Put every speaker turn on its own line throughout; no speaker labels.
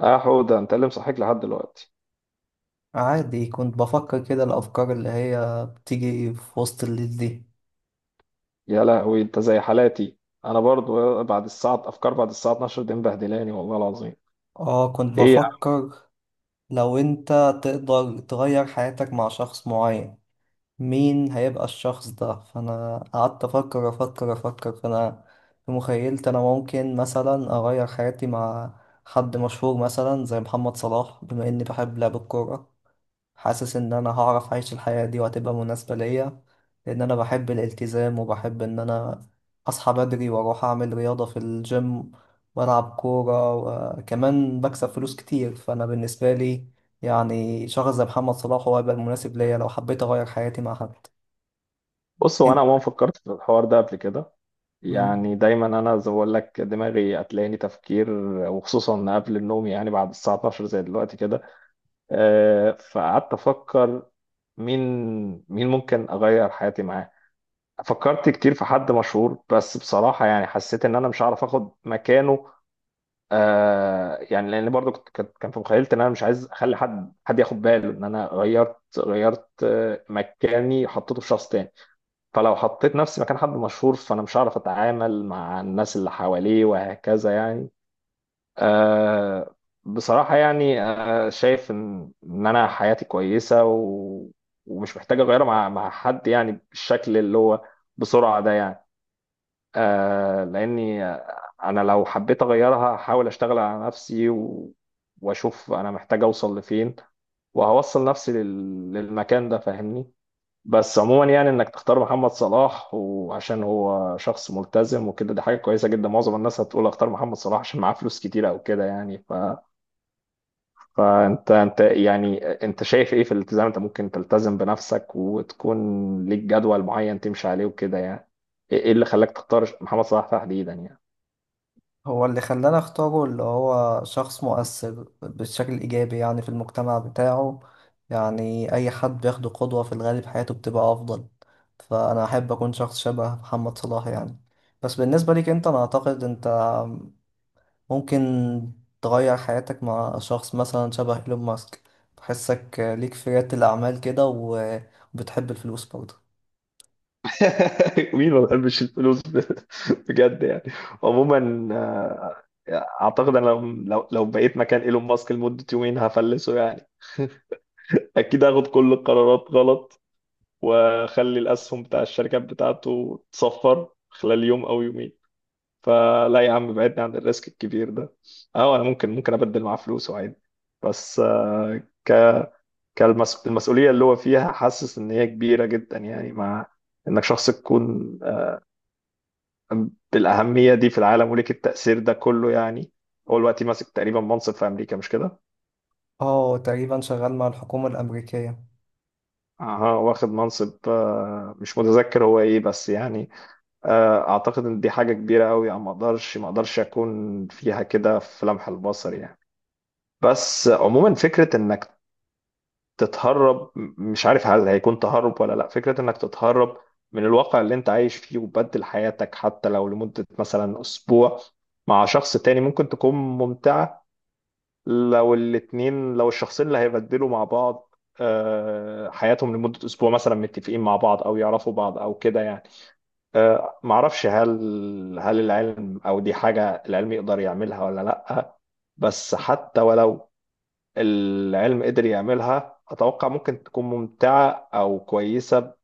اه حوده، انت اللي مصحيك لحد دلوقتي؟
عادي، كنت بفكر كده الأفكار اللي هي بتيجي في وسط الليل دي.
يا لهوي، انت زي حالاتي. انا برضو بعد الساعه افكار بعد الساعه 12 دي مبهدلاني والله العظيم.
اه كنت
ايه يا عم؟
بفكر لو انت تقدر تغير حياتك مع شخص معين، مين هيبقى الشخص ده؟ فأنا قعدت أفكر فأنا في مخيلتي أنا ممكن مثلا أغير حياتي مع حد مشهور مثلا زي محمد صلاح، بما إني بحب لعب الكورة. حاسس ان انا هعرف اعيش الحياة دي وهتبقى مناسبة ليا، لان انا بحب الالتزام وبحب ان انا اصحى بدري واروح اعمل رياضة في الجيم والعب كورة، وكمان بكسب فلوس كتير. فانا بالنسبة لي يعني شخص زي محمد صلاح هو هيبقى مناسب ليا لو حبيت اغير حياتي مع حد.
بص، هو انا
إن-
عموما فكرت في الحوار ده قبل كده.
مم.
يعني دايما انا زي ما بقول لك، دماغي هتلاقيني تفكير، وخصوصا قبل النوم، يعني بعد الساعه 12 زي دلوقتي كده. فقعدت افكر. مين مين ممكن اغير حياتي معاه؟ فكرت كتير في حد مشهور، بس بصراحه يعني حسيت ان انا مش هعرف اخد مكانه. يعني لان برضو كان في مخيلتي ان انا مش عايز اخلي حد ياخد باله ان انا غيرت مكاني حطيته في شخص تاني. فلو حطيت نفسي مكان حد مشهور، فانا مش هعرف اتعامل مع الناس اللي حواليه وهكذا يعني. آه بصراحة يعني، شايف ان انا حياتي كويسة، و ومش محتاج اغيرها مع حد، يعني بالشكل اللي هو بسرعة ده يعني. لاني انا لو حبيت اغيرها هحاول اشتغل على نفسي، و... واشوف انا محتاج اوصل لفين، وهوصل نفسي للمكان ده، فاهمني؟ بس عموما يعني، انك تختار محمد صلاح وعشان هو شخص ملتزم وكده، دي حاجة كويسة جدا. معظم الناس هتقول اختار محمد صلاح عشان معاه فلوس كتير او كده يعني. فانت يعني، انت شايف ايه في الالتزام؟ انت ممكن تلتزم بنفسك وتكون ليك جدول معين تمشي عليه وكده يعني. ايه اللي خلاك تختار محمد صلاح تحديدا يعني؟
هو اللي خلاني اختاره اللي هو شخص مؤثر بالشكل الإيجابي يعني في المجتمع بتاعه. يعني أي حد بياخده قدوة في الغالب حياته بتبقى أفضل، فأنا أحب أكون شخص شبه محمد صلاح يعني. بس بالنسبة ليك أنت، أنا أعتقد أنت ممكن تغير حياتك مع شخص مثلا شبه إيلون ماسك. بحسك ليك في ريادة الأعمال كده و- وبتحب الفلوس برضه.
مين ما بيحبش الفلوس بجد يعني. عموما، اعتقد انا لو بقيت مكان ايلون ماسك لمدة يومين هفلسه يعني. اكيد هاخد كل القرارات غلط، واخلي الاسهم بتاع الشركات بتاعته تصفر خلال يوم او يومين. فلا يا عم، بعدني عن الريسك الكبير ده. اه، انا ممكن ابدل معاه فلوسه عادي. بس ك- المسؤوليه اللي هو فيها حاسس ان هي كبيره جدا، يعني مع انك شخص تكون بالأهمية دي في العالم وليك التأثير ده كله يعني. هو دلوقتي ماسك تقريبا منصب في أمريكا، مش كده؟
اه، تقريبا شغال مع الحكومة الأمريكية.
أها، واخد منصب، مش متذكر هو إيه، بس يعني أعتقد إن دي حاجة كبيرة أوي يعني. ما أقدرش أكون فيها كده في لمح البصر يعني. بس عموما، فكرة إنك مش عارف هل هيكون تهرب ولا لأ، فكرة إنك تتهرب من الواقع اللي أنت عايش فيه وتبدل حياتك حتى لو لمدة مثلا أسبوع مع شخص تاني ممكن تكون ممتعة. لو الشخصين اللي هيبدلوا مع بعض حياتهم لمدة أسبوع مثلا متفقين مع بعض أو يعرفوا بعض أو كده يعني. معرفش هل، هل العلم أو دي حاجة العلم يقدر يعملها ولا لأ. بس حتى ولو العلم قدر يعملها، أتوقع ممكن تكون ممتعة أو كويسة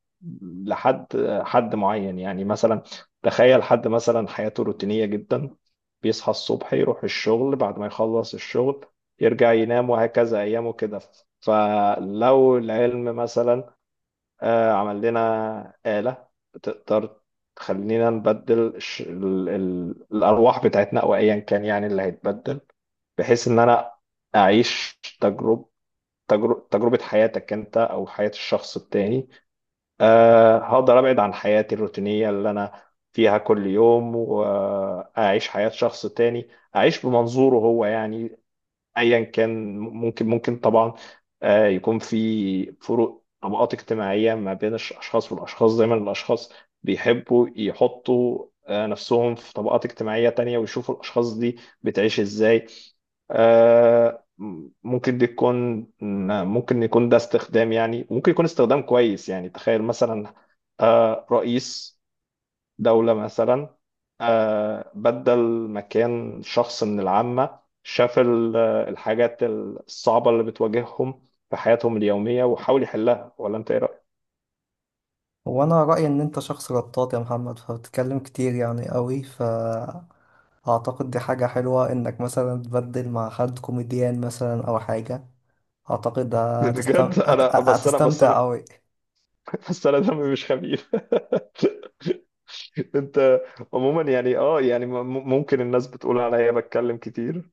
لحد، حد معين يعني. مثلا تخيل حد مثلا حياته روتينية جدا، بيصحى الصبح يروح الشغل، بعد ما يخلص الشغل يرجع ينام، وهكذا أيامه كده. فلو العلم مثلا عمل لنا آلة تقدر تخلينا نبدل الأرواح بتاعتنا أو أيا كان يعني اللي هيتبدل، بحيث إن أنا أعيش تجربة، تجربة حياتك انت او حياة الشخص التاني. هقدر ابعد عن حياتي الروتينية اللي انا فيها كل يوم، واعيش حياة شخص تاني، اعيش بمنظوره هو يعني. ايا كان. ممكن طبعا يكون في فروق طبقات اجتماعيه ما بين الاشخاص والاشخاص. دايما الاشخاص بيحبوا يحطوا نفسهم في طبقات اجتماعيه تانية ويشوفوا الاشخاص دي بتعيش ازاي. آه، ممكن دي تكون، ممكن يكون ده استخدام يعني، ممكن يكون استخدام كويس يعني. تخيل مثلا رئيس دولة مثلا بدل مكان شخص من العامة، شاف الحاجات الصعبة اللي بتواجههم في حياتهم اليومية وحاول يحلها. ولا انت ايه رأيك؟
هو انا رأيي ان انت شخص رطاط يا محمد، فبتتكلم كتير يعني قوي، فاعتقد دي حاجة حلوة انك مثلا تبدل مع حد كوميديان مثلا او حاجة. اعتقد هتستم...
بجد،
هت...
انا بس انا بس
هتستمتع
انا
قوي.
بس انا دمي مش خفيف. انت عموما يعني، اه يعني ممكن الناس بتقول عليا بتكلم كتير.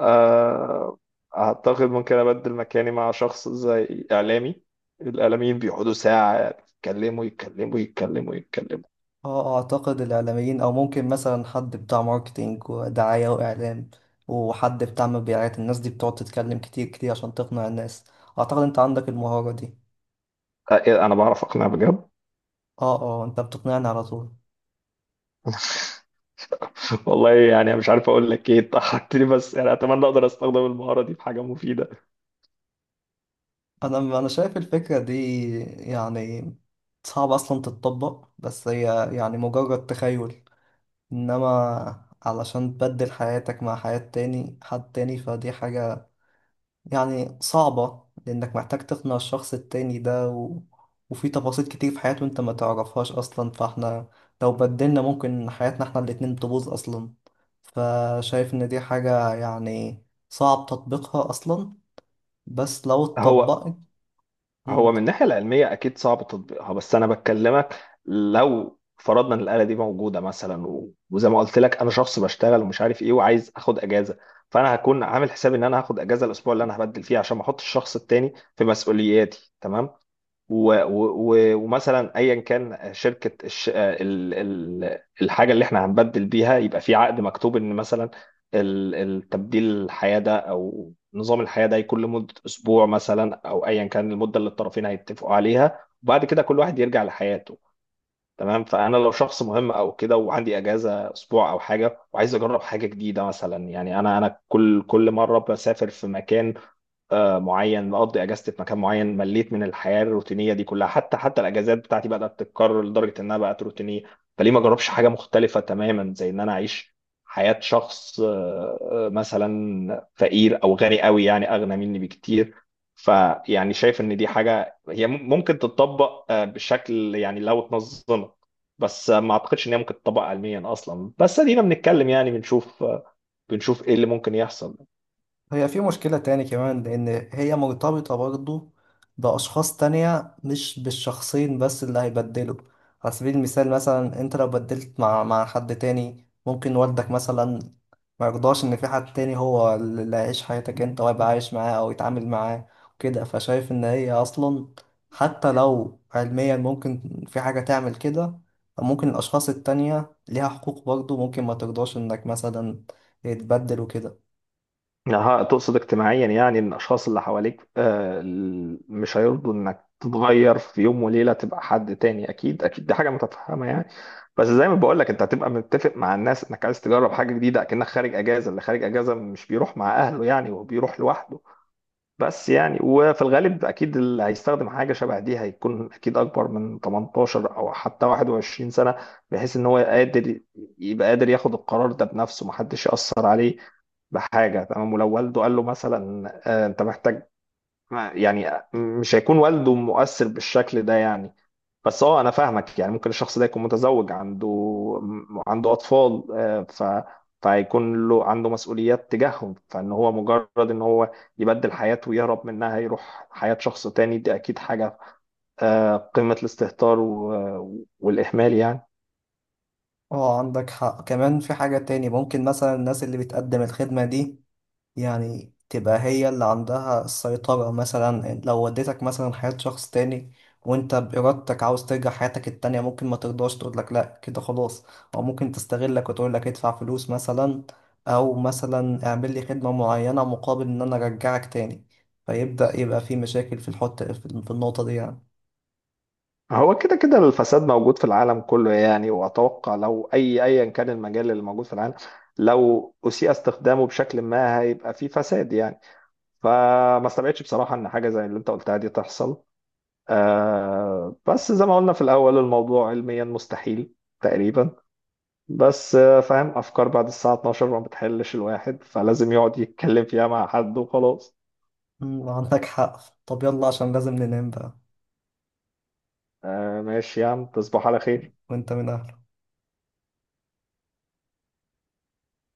آه، اعتقد ممكن ابدل مكاني مع شخص زي اعلامي. الاعلاميين بيقعدوا ساعة يتكلموا يتكلموا يتكلموا يتكلموا.
اه، اعتقد الاعلاميين او ممكن مثلا حد بتاع ماركتينج ودعاية واعلام، وحد بتاع مبيعات. الناس دي بتقعد تتكلم كتير كتير عشان تقنع الناس، اعتقد انت عندك المهارة دي.
إيه، انا بعرف اقنع بجد.
اه انت بتقنعني على طول.
والله يعني مش عارف اقول لك ايه، انت حركتني، بس يعني اتمنى اقدر استخدم المهاره دي في حاجه مفيده.
انا شايف الفكره دي يعني صعب اصلا تتطبق، بس هي يعني مجرد تخيل. انما علشان تبدل حياتك مع حياة تاني حد تاني فدي حاجه يعني صعبه، لانك محتاج تقنع الشخص التاني ده و... وفي تفاصيل كتير في حياته انت ما تعرفهاش اصلا. فاحنا لو بدلنا ممكن حياتنا احنا الاتنين تبوظ اصلا، فشايف ان دي حاجه يعني صعب تطبيقها اصلا. بس لو
هو
اتطبقت،
هو من الناحيه العلميه اكيد صعب تطبيقها، بس انا بكلمك لو فرضنا ان الاله دي موجوده مثلا، وزي ما قلت لك انا شخص بشتغل ومش عارف ايه وعايز اخد اجازه. فانا هكون عامل حسابي ان انا هاخد اجازه الاسبوع اللي انا هبدل فيه، عشان ما احطش الشخص التاني في مسؤولياتي، تمام؟ ومثلا ايا كان شركه الحاجه اللي احنا هنبدل بيها يبقى في عقد مكتوب، ان مثلا التبديل الحياه ده او نظام الحياه ده يكون لمده اسبوع مثلا، او ايا كان المده اللي الطرفين هيتفقوا عليها، وبعد كده كل واحد يرجع لحياته. تمام؟ فانا لو شخص مهم او كده وعندي اجازه اسبوع او حاجه، وعايز اجرب حاجه جديده مثلا، يعني انا كل مره بسافر في مكان معين، بقضي اجازتي في مكان معين، مليت من الحياه الروتينيه دي كلها. حتى الاجازات بتاعتي بدات تتكرر لدرجه انها بقت روتينيه. فليه ما اجربش حاجه مختلفه تماما، زي ان انا اعيش حياه شخص مثلا فقير او غني قوي، يعني اغنى مني بكتير. فيعني شايف ان دي حاجه هي ممكن تتطبق بشكل يعني لو اتنظمت. بس ما اعتقدش ان هي ممكن تتطبق علميا اصلا، بس ادينا بنتكلم يعني، بنشوف بنشوف ايه اللي ممكن يحصل.
هي في مشكلة تاني كمان، لأن هي مرتبطة برضو بأشخاص تانية مش بالشخصين بس اللي هيبدلوا. على سبيل المثال مثلا أنت لو بدلت مع حد تاني، ممكن والدك مثلا ما يرضاش إن في حد تاني هو اللي هيعيش حياتك أنت ويبقى عايش معاه أو يتعامل معاه وكده. فشايف إن هي أصلا حتى لو علميا ممكن في حاجة تعمل كده، ممكن الأشخاص التانية ليها حقوق برضو، ممكن ما ترضاش إنك مثلا يتبدل وكده.
أها، تقصد اجتماعيا يعني ان الاشخاص اللي حواليك، مش هيرضوا انك تتغير في يوم وليله تبقى حد تاني. اكيد اكيد، دي حاجه متفهمه يعني. بس زي ما بقول لك، انت هتبقى متفق مع الناس انك عايز تجرب حاجه جديده، اكنك خارج اجازه، اللي خارج اجازه مش بيروح مع اهله يعني، هو بيروح لوحده. بس يعني وفي الغالب، اكيد اللي هيستخدم حاجه شبه دي هيكون اكيد اكبر من 18 او حتى 21 سنه، بحيث ان هو قادر، يبقى قادر ياخد القرار ده بنفسه، محدش ياثر عليه بحاجة. تمام؟ ولو والده قال له مثلا انت محتاج يعني، مش هيكون والده مؤثر بالشكل ده يعني. بس اه، انا فاهمك، يعني ممكن الشخص ده يكون متزوج، عنده اطفال، آه، ف فهيكون له عنده مسؤوليات تجاههم، فان هو مجرد ان هو يبدل حياته ويهرب منها يروح حياة شخص تاني، دي اكيد حاجة قمة الاستهتار والاهمال يعني.
اه، عندك حق. كمان في حاجة تاني، ممكن مثلا الناس اللي بتقدم الخدمة دي يعني تبقى هي اللي عندها السيطرة. مثلا لو وديتك مثلا حياة شخص تاني وانت بإرادتك عاوز ترجع حياتك التانية، ممكن ما ترضاش تقولك لأ كده خلاص، أو ممكن تستغلك وتقولك ادفع فلوس مثلا، أو مثلا اعمل لي خدمة معينة مقابل إن أنا أرجعك تاني. فيبدأ يبقى في مشاكل في الحط في النقطة دي يعني.
هو كده كده الفساد موجود في العالم كله يعني، واتوقع لو ايا كان المجال اللي موجود في العالم، لو اسيء استخدامه بشكل ما، هيبقى فيه فساد يعني. فما استبعدش بصراحة ان حاجة زي اللي انت قلتها دي تحصل. بس زي ما قلنا في الاول، الموضوع علميا مستحيل تقريبا. بس فاهم، افكار بعد الساعة 12 ما بتحلش الواحد، فلازم يقعد يتكلم فيها مع حد وخلاص.
عندك حق. طب يلا عشان لازم ننام بقى.
آه ماشي يا عم، تصبح على خير.
وانت من أهلك.